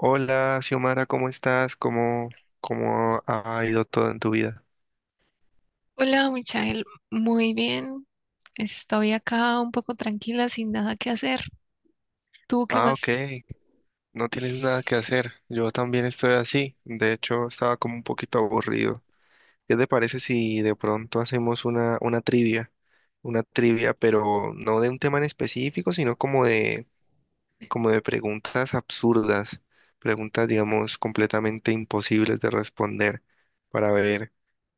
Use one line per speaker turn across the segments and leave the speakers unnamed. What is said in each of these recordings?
Hola, Xiomara, ¿cómo estás? ¿Cómo ha ido todo en tu vida?
Hola, Michael. Muy bien. Estoy acá un poco tranquila, sin nada que hacer. ¿Tú qué
Ah, ok,
más?
no tienes nada que hacer. Yo también estoy así. De hecho, estaba como un poquito aburrido. ¿Qué te parece si de pronto hacemos una trivia? Una trivia, pero no de un tema en específico, sino como de preguntas absurdas, preguntas, digamos, completamente imposibles de responder, para ver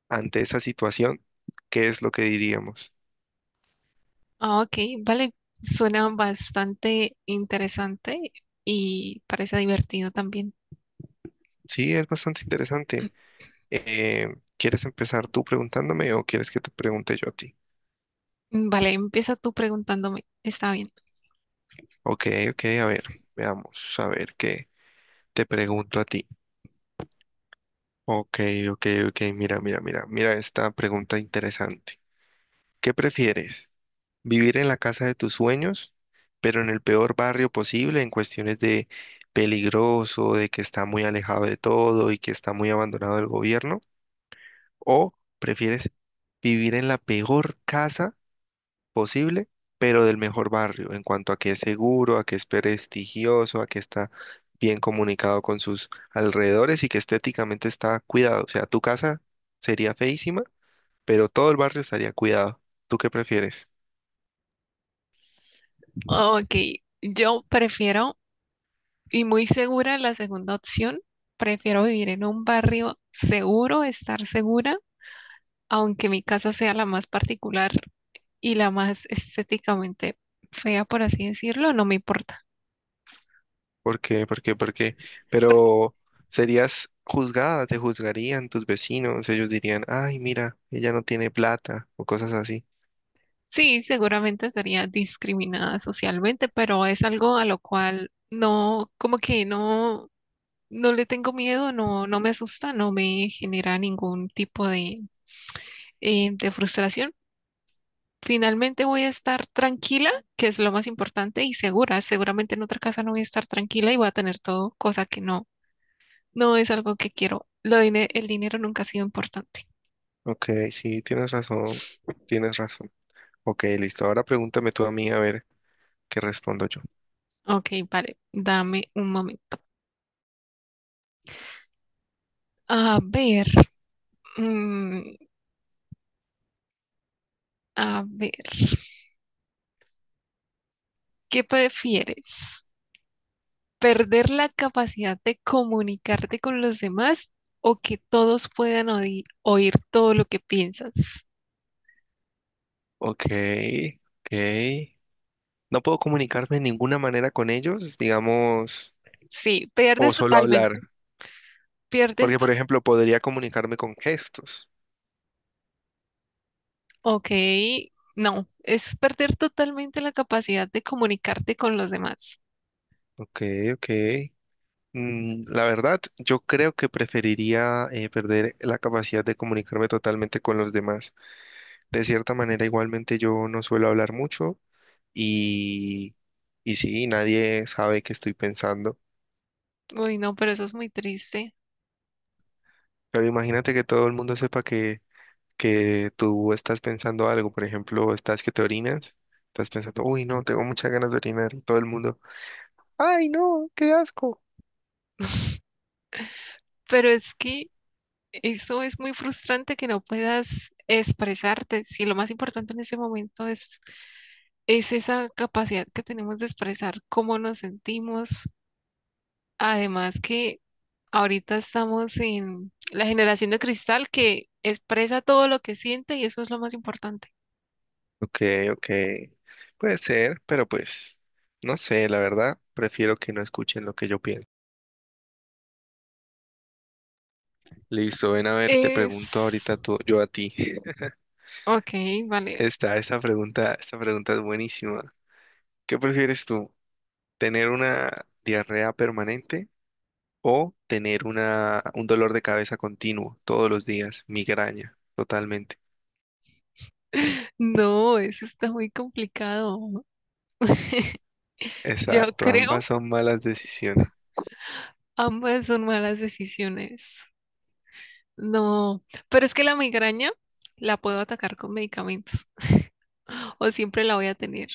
ante esa situación qué es lo que diríamos.
Ah, ok, vale. Suena bastante interesante y parece divertido también.
Sí, es bastante interesante. ¿Quieres empezar tú preguntándome o quieres que te pregunte yo a ti?
Vale, empieza tú preguntándome. Está bien.
Ok, ok, a ver, veamos, a ver qué te pregunto a ti. Ok, ok, ok, mira esta pregunta interesante. ¿Qué prefieres? ¿Vivir en la casa de tus sueños, pero en el peor barrio posible en cuestiones de peligroso, de que está muy alejado de todo y que está muy abandonado del gobierno? ¿O prefieres vivir en la peor casa posible, pero del mejor barrio, en cuanto a que es seguro, a que es prestigioso, a que está bien comunicado con sus alrededores y que estéticamente está cuidado? O sea, tu casa sería feísima, pero todo el barrio estaría cuidado. ¿Tú qué prefieres?
Ok, yo prefiero, y muy segura la segunda opción, prefiero vivir en un barrio seguro, estar segura, aunque mi casa sea la más particular, y la más estéticamente fea, por así decirlo, no me importa.
¿Por qué? ¿Por qué? ¿Por qué?
Porque
Pero serías juzgada, te juzgarían tus vecinos, ellos dirían, ay, mira, ella no tiene plata o cosas así.
sí, seguramente sería discriminada socialmente, pero es algo a lo cual no, como que no, no le tengo miedo, no, no me asusta, no me genera ningún tipo de frustración. Finalmente voy a estar tranquila, que es lo más importante, y segura. Seguramente en otra casa no voy a estar tranquila y voy a tener todo, cosa que no, no es algo que quiero. El dinero nunca ha sido importante.
Ok, sí, tienes razón, tienes razón. Ok, listo. Ahora pregúntame tú a mí a ver qué respondo yo.
Ok, vale, dame un momento. A ver, mm, a ver, ¿qué prefieres? ¿Perder la capacidad de comunicarte con los demás o que todos puedan oír todo lo que piensas?
Ok, ok. No puedo comunicarme de ninguna manera con ellos, digamos,
Sí,
o
pierdes
solo hablar,
totalmente, pierdes
porque
to-
por ejemplo podría comunicarme con gestos.
ok, no, es perder totalmente la capacidad de comunicarte con los demás.
Ok, ok. Mm, la verdad, yo creo que preferiría perder la capacidad de comunicarme totalmente con los demás. De cierta manera, igualmente yo no suelo hablar mucho y, y sí, nadie sabe qué estoy pensando.
Uy, no, pero eso es muy triste.
Pero imagínate que todo el mundo sepa que tú estás pensando algo, por ejemplo, estás que te orinas, estás pensando, uy, no, tengo muchas ganas de orinar y todo el mundo, ay, no, qué asco.
Pero es que, eso es muy frustrante que no puedas expresarte. Si lo más importante en ese momento es esa capacidad que tenemos de expresar cómo nos sentimos. Además que ahorita estamos en la generación de cristal que expresa todo lo que siente y eso es lo más importante.
Ok, ok, puede ser, pero pues, no sé, la verdad, prefiero que no escuchen lo que yo pienso. Listo, ven a ver, te pregunto
Es...
ahorita tú, yo a ti.
Ok, vale.
Esta pregunta es buenísima. ¿Qué prefieres tú? ¿Tener una diarrea permanente o tener un dolor de cabeza continuo todos los días, migraña, totalmente?
No, eso está muy complicado. Yo
Exacto,
creo
ambas son malas decisiones.
ambas son malas decisiones. No, pero es que la migraña la puedo atacar con medicamentos o siempre la voy a tener.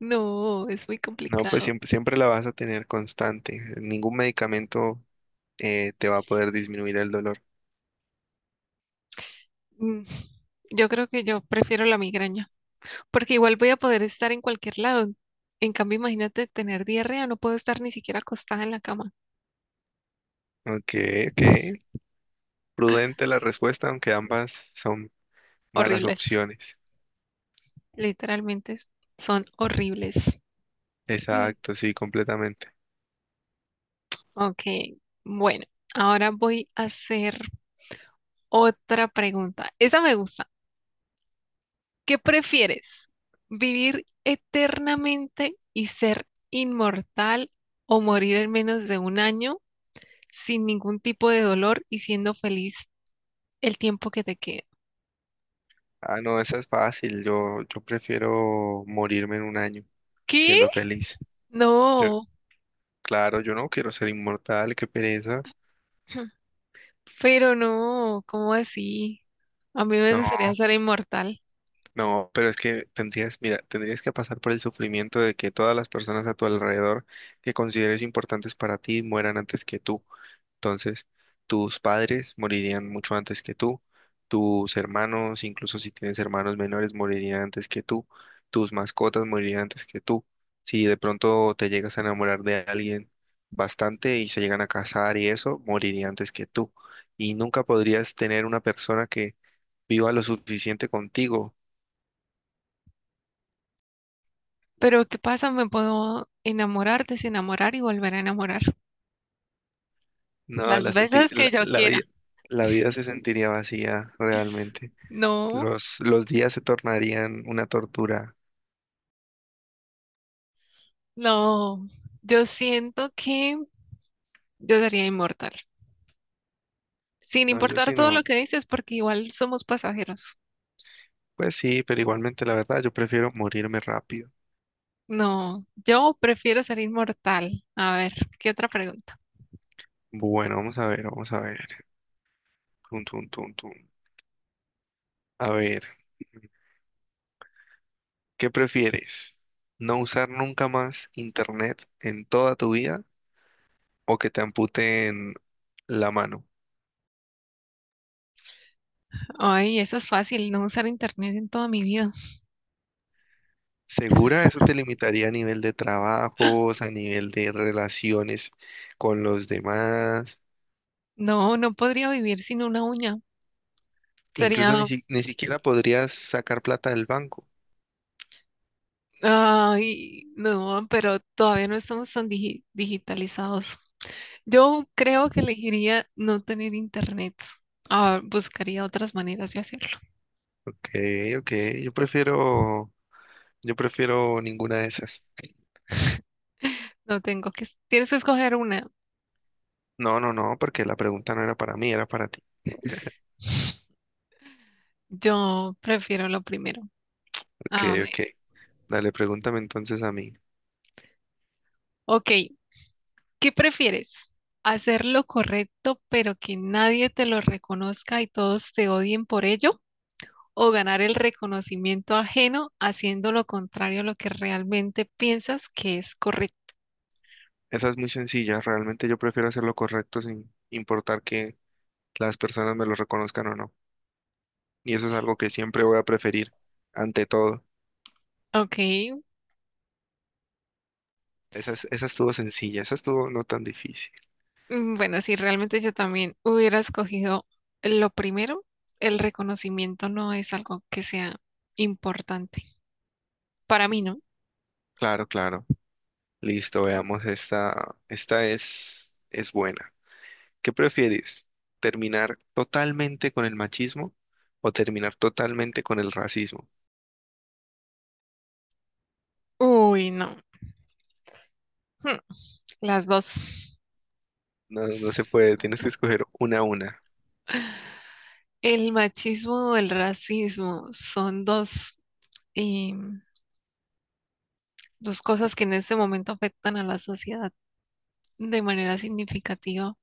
No, es muy
No, pues
complicado.
siempre, siempre la vas a tener constante. Ningún medicamento te va a poder disminuir el dolor.
Mm, Yo creo que yo prefiero la migraña porque igual voy a poder estar en cualquier lado. En cambio, imagínate tener diarrea, no puedo estar ni siquiera acostada en la cama.
Ok, ok. Prudente la respuesta, aunque ambas son malas
Horribles,
opciones.
literalmente s- son horribles. Mm,
Exacto, sí, completamente.
Ok, bueno, ahora voy a hacer otra pregunta. Esa me gusta. ¿Qué prefieres? ¿Vivir eternamente y ser inmortal o morir en menos de un año sin ningún tipo de dolor y siendo feliz el tiempo que te queda?
Ah, no, esa es fácil. Yo prefiero morirme en un año
¿Qué?
siendo feliz. Yo,
No,
claro, yo no quiero ser inmortal, qué pereza.
pero no, ¿cómo así? A mí me gustaría ser inmortal,
No, pero es que tendrías, mira, tendrías que pasar por el sufrimiento de que todas las personas a tu alrededor que consideres importantes para ti mueran antes que tú. Entonces, tus padres morirían mucho antes que tú, tus hermanos, incluso si tienes hermanos menores, morirían antes que tú, tus mascotas morirían antes que tú. Si de pronto te llegas a enamorar de alguien bastante y se llegan a casar y eso, moriría antes que tú. Y nunca podrías tener una persona que viva lo suficiente contigo.
pero ¿qué pasa? Me puedo enamorar, desenamorar y volver a enamorar
No,
las
la, senti-
veces que
la,
yo
la
quiera.
vi- la vida se sentiría vacía realmente.
No,
Los días se tornarían una tortura.
no, yo siento que yo sería inmortal, sin
No, yo
importar
sí
todo lo
no.
que dices, porque igual somos pasajeros.
Pues sí, pero igualmente la verdad, yo prefiero morirme rápido.
No, yo prefiero ser inmortal. A ver, ¿qué otra pregunta?
Bueno, vamos a ver, vamos a ver. Tun, tun, tun, tun. A ver, ¿qué prefieres? ¿No usar nunca más internet en toda tu vida o que te amputen la mano?
Ay, esa es fácil, no usar internet en toda mi vida.
Segura, eso te limitaría a nivel de trabajos, a nivel de relaciones con los demás.
No, no podría vivir sin una uña.
Incluso
Sería,
ni siquiera podrías sacar plata del banco.
ay, no, pero todavía no estamos tan digitalizados. Yo creo que elegiría no tener internet. Ah, buscaría otras maneras de hacerlo.
Ok, ok. Yo prefiero, yo prefiero ninguna de esas.
No tengo que, tienes que escoger una.
No, no, no, porque la pregunta no era para mí, era para ti.
Yo prefiero lo primero.
Ok,
A ver,
ok. Dale, pregúntame entonces a mí.
ok, ¿qué prefieres? ¿Hacer lo correcto pero que nadie te lo reconozca y todos te odien por ello? ¿O ganar el reconocimiento ajeno haciendo lo contrario a lo que realmente piensas que es correcto?
Esa es muy sencilla. Realmente yo prefiero hacer lo correcto sin importar que las personas me lo reconozcan o no. Y eso es algo que siempre voy a preferir ante todo.
Ok,
Esa estuvo sencilla, esa estuvo no tan difícil.
bueno, si realmente yo también hubiera escogido lo primero, el reconocimiento no es algo que sea importante. Para mí no.
Claro, claro. Listo, veamos esta. Es buena. ¿Qué prefieres? ¿Terminar totalmente con el machismo o terminar totalmente con el racismo?
Uy, no. Hmm, Las dos.
No, no se
S-
puede, tienes que escoger una a una.
el machismo o el racismo son dos y dos cosas que en este momento afectan a la sociedad de manera significativa.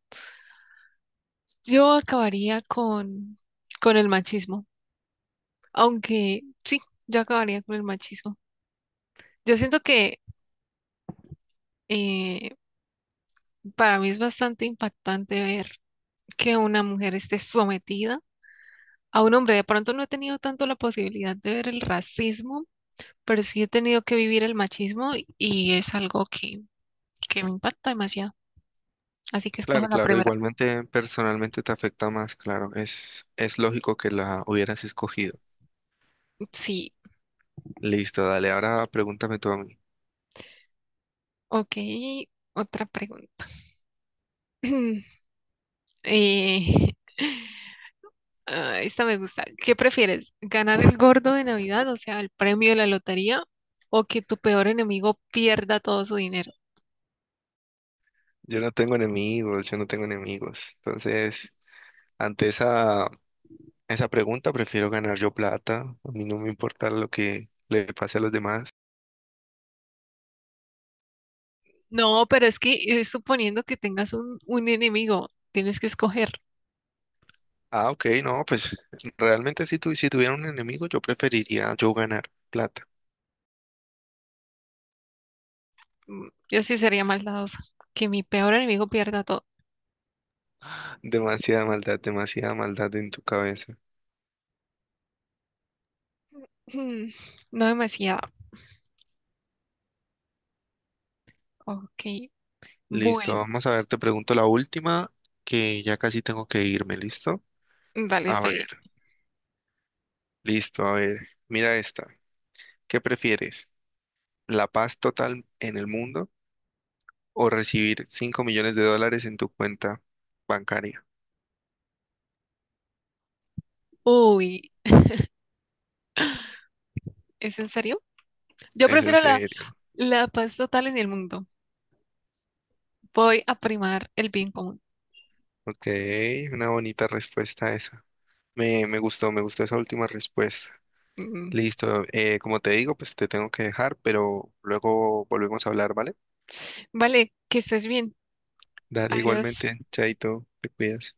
Yo acabaría con el machismo, aunque sí, yo acabaría con el machismo. Yo siento que eh, para mí es bastante impactante ver que una mujer esté sometida a un hombre. De pronto no he tenido tanto la posibilidad de ver el racismo, pero sí he tenido que vivir el machismo y es algo que me impacta demasiado. Así que
Claro,
escojo la
claro,
primera.
igualmente personalmente te afecta más, claro. Es lógico que la hubieras escogido.
Sí,
Listo, dale, ahora pregúntame tú a mí.
ok, otra pregunta. Eh, ah, esta me gusta. ¿Qué prefieres? ¿Ganar el gordo de Navidad, o sea, el premio de la lotería, o que tu peor enemigo pierda todo su dinero?
Yo no tengo enemigos, yo no tengo enemigos. Entonces, ante esa esa pregunta, prefiero ganar yo plata. A mí no me importa lo que le pase a los demás.
No, pero es que es suponiendo que tengas un enemigo, tienes que escoger.
Ah, ok, no, pues realmente si tuviera un enemigo, yo preferiría yo ganar plata.
Yo sí sería maldadosa. Que mi peor enemigo pierda todo.
Demasiada maldad en tu cabeza.
Mm, No demasiado. Ok,
Listo,
bueno,
vamos a ver, te pregunto la última, que ya casi tengo que irme, ¿listo?
vale,
A
está
ver,
bien.
listo, a ver, mira esta. ¿Qué prefieres? ¿La paz total en el mundo o recibir 5 millones de dólares en tu cuenta bancaria?
Uy, ¿es en serio? Yo
Es en
prefiero la,
serio.
la paz total en el mundo. Voy a primar el bien común.
Ok, una bonita respuesta esa. Me gustó esa última respuesta.
Mm,
Listo, como te digo, pues te tengo que dejar, pero luego volvemos a hablar, ¿vale?
Vale, que estés bien.
Dale, igualmente,
Adiós.
chaito, te cuidas.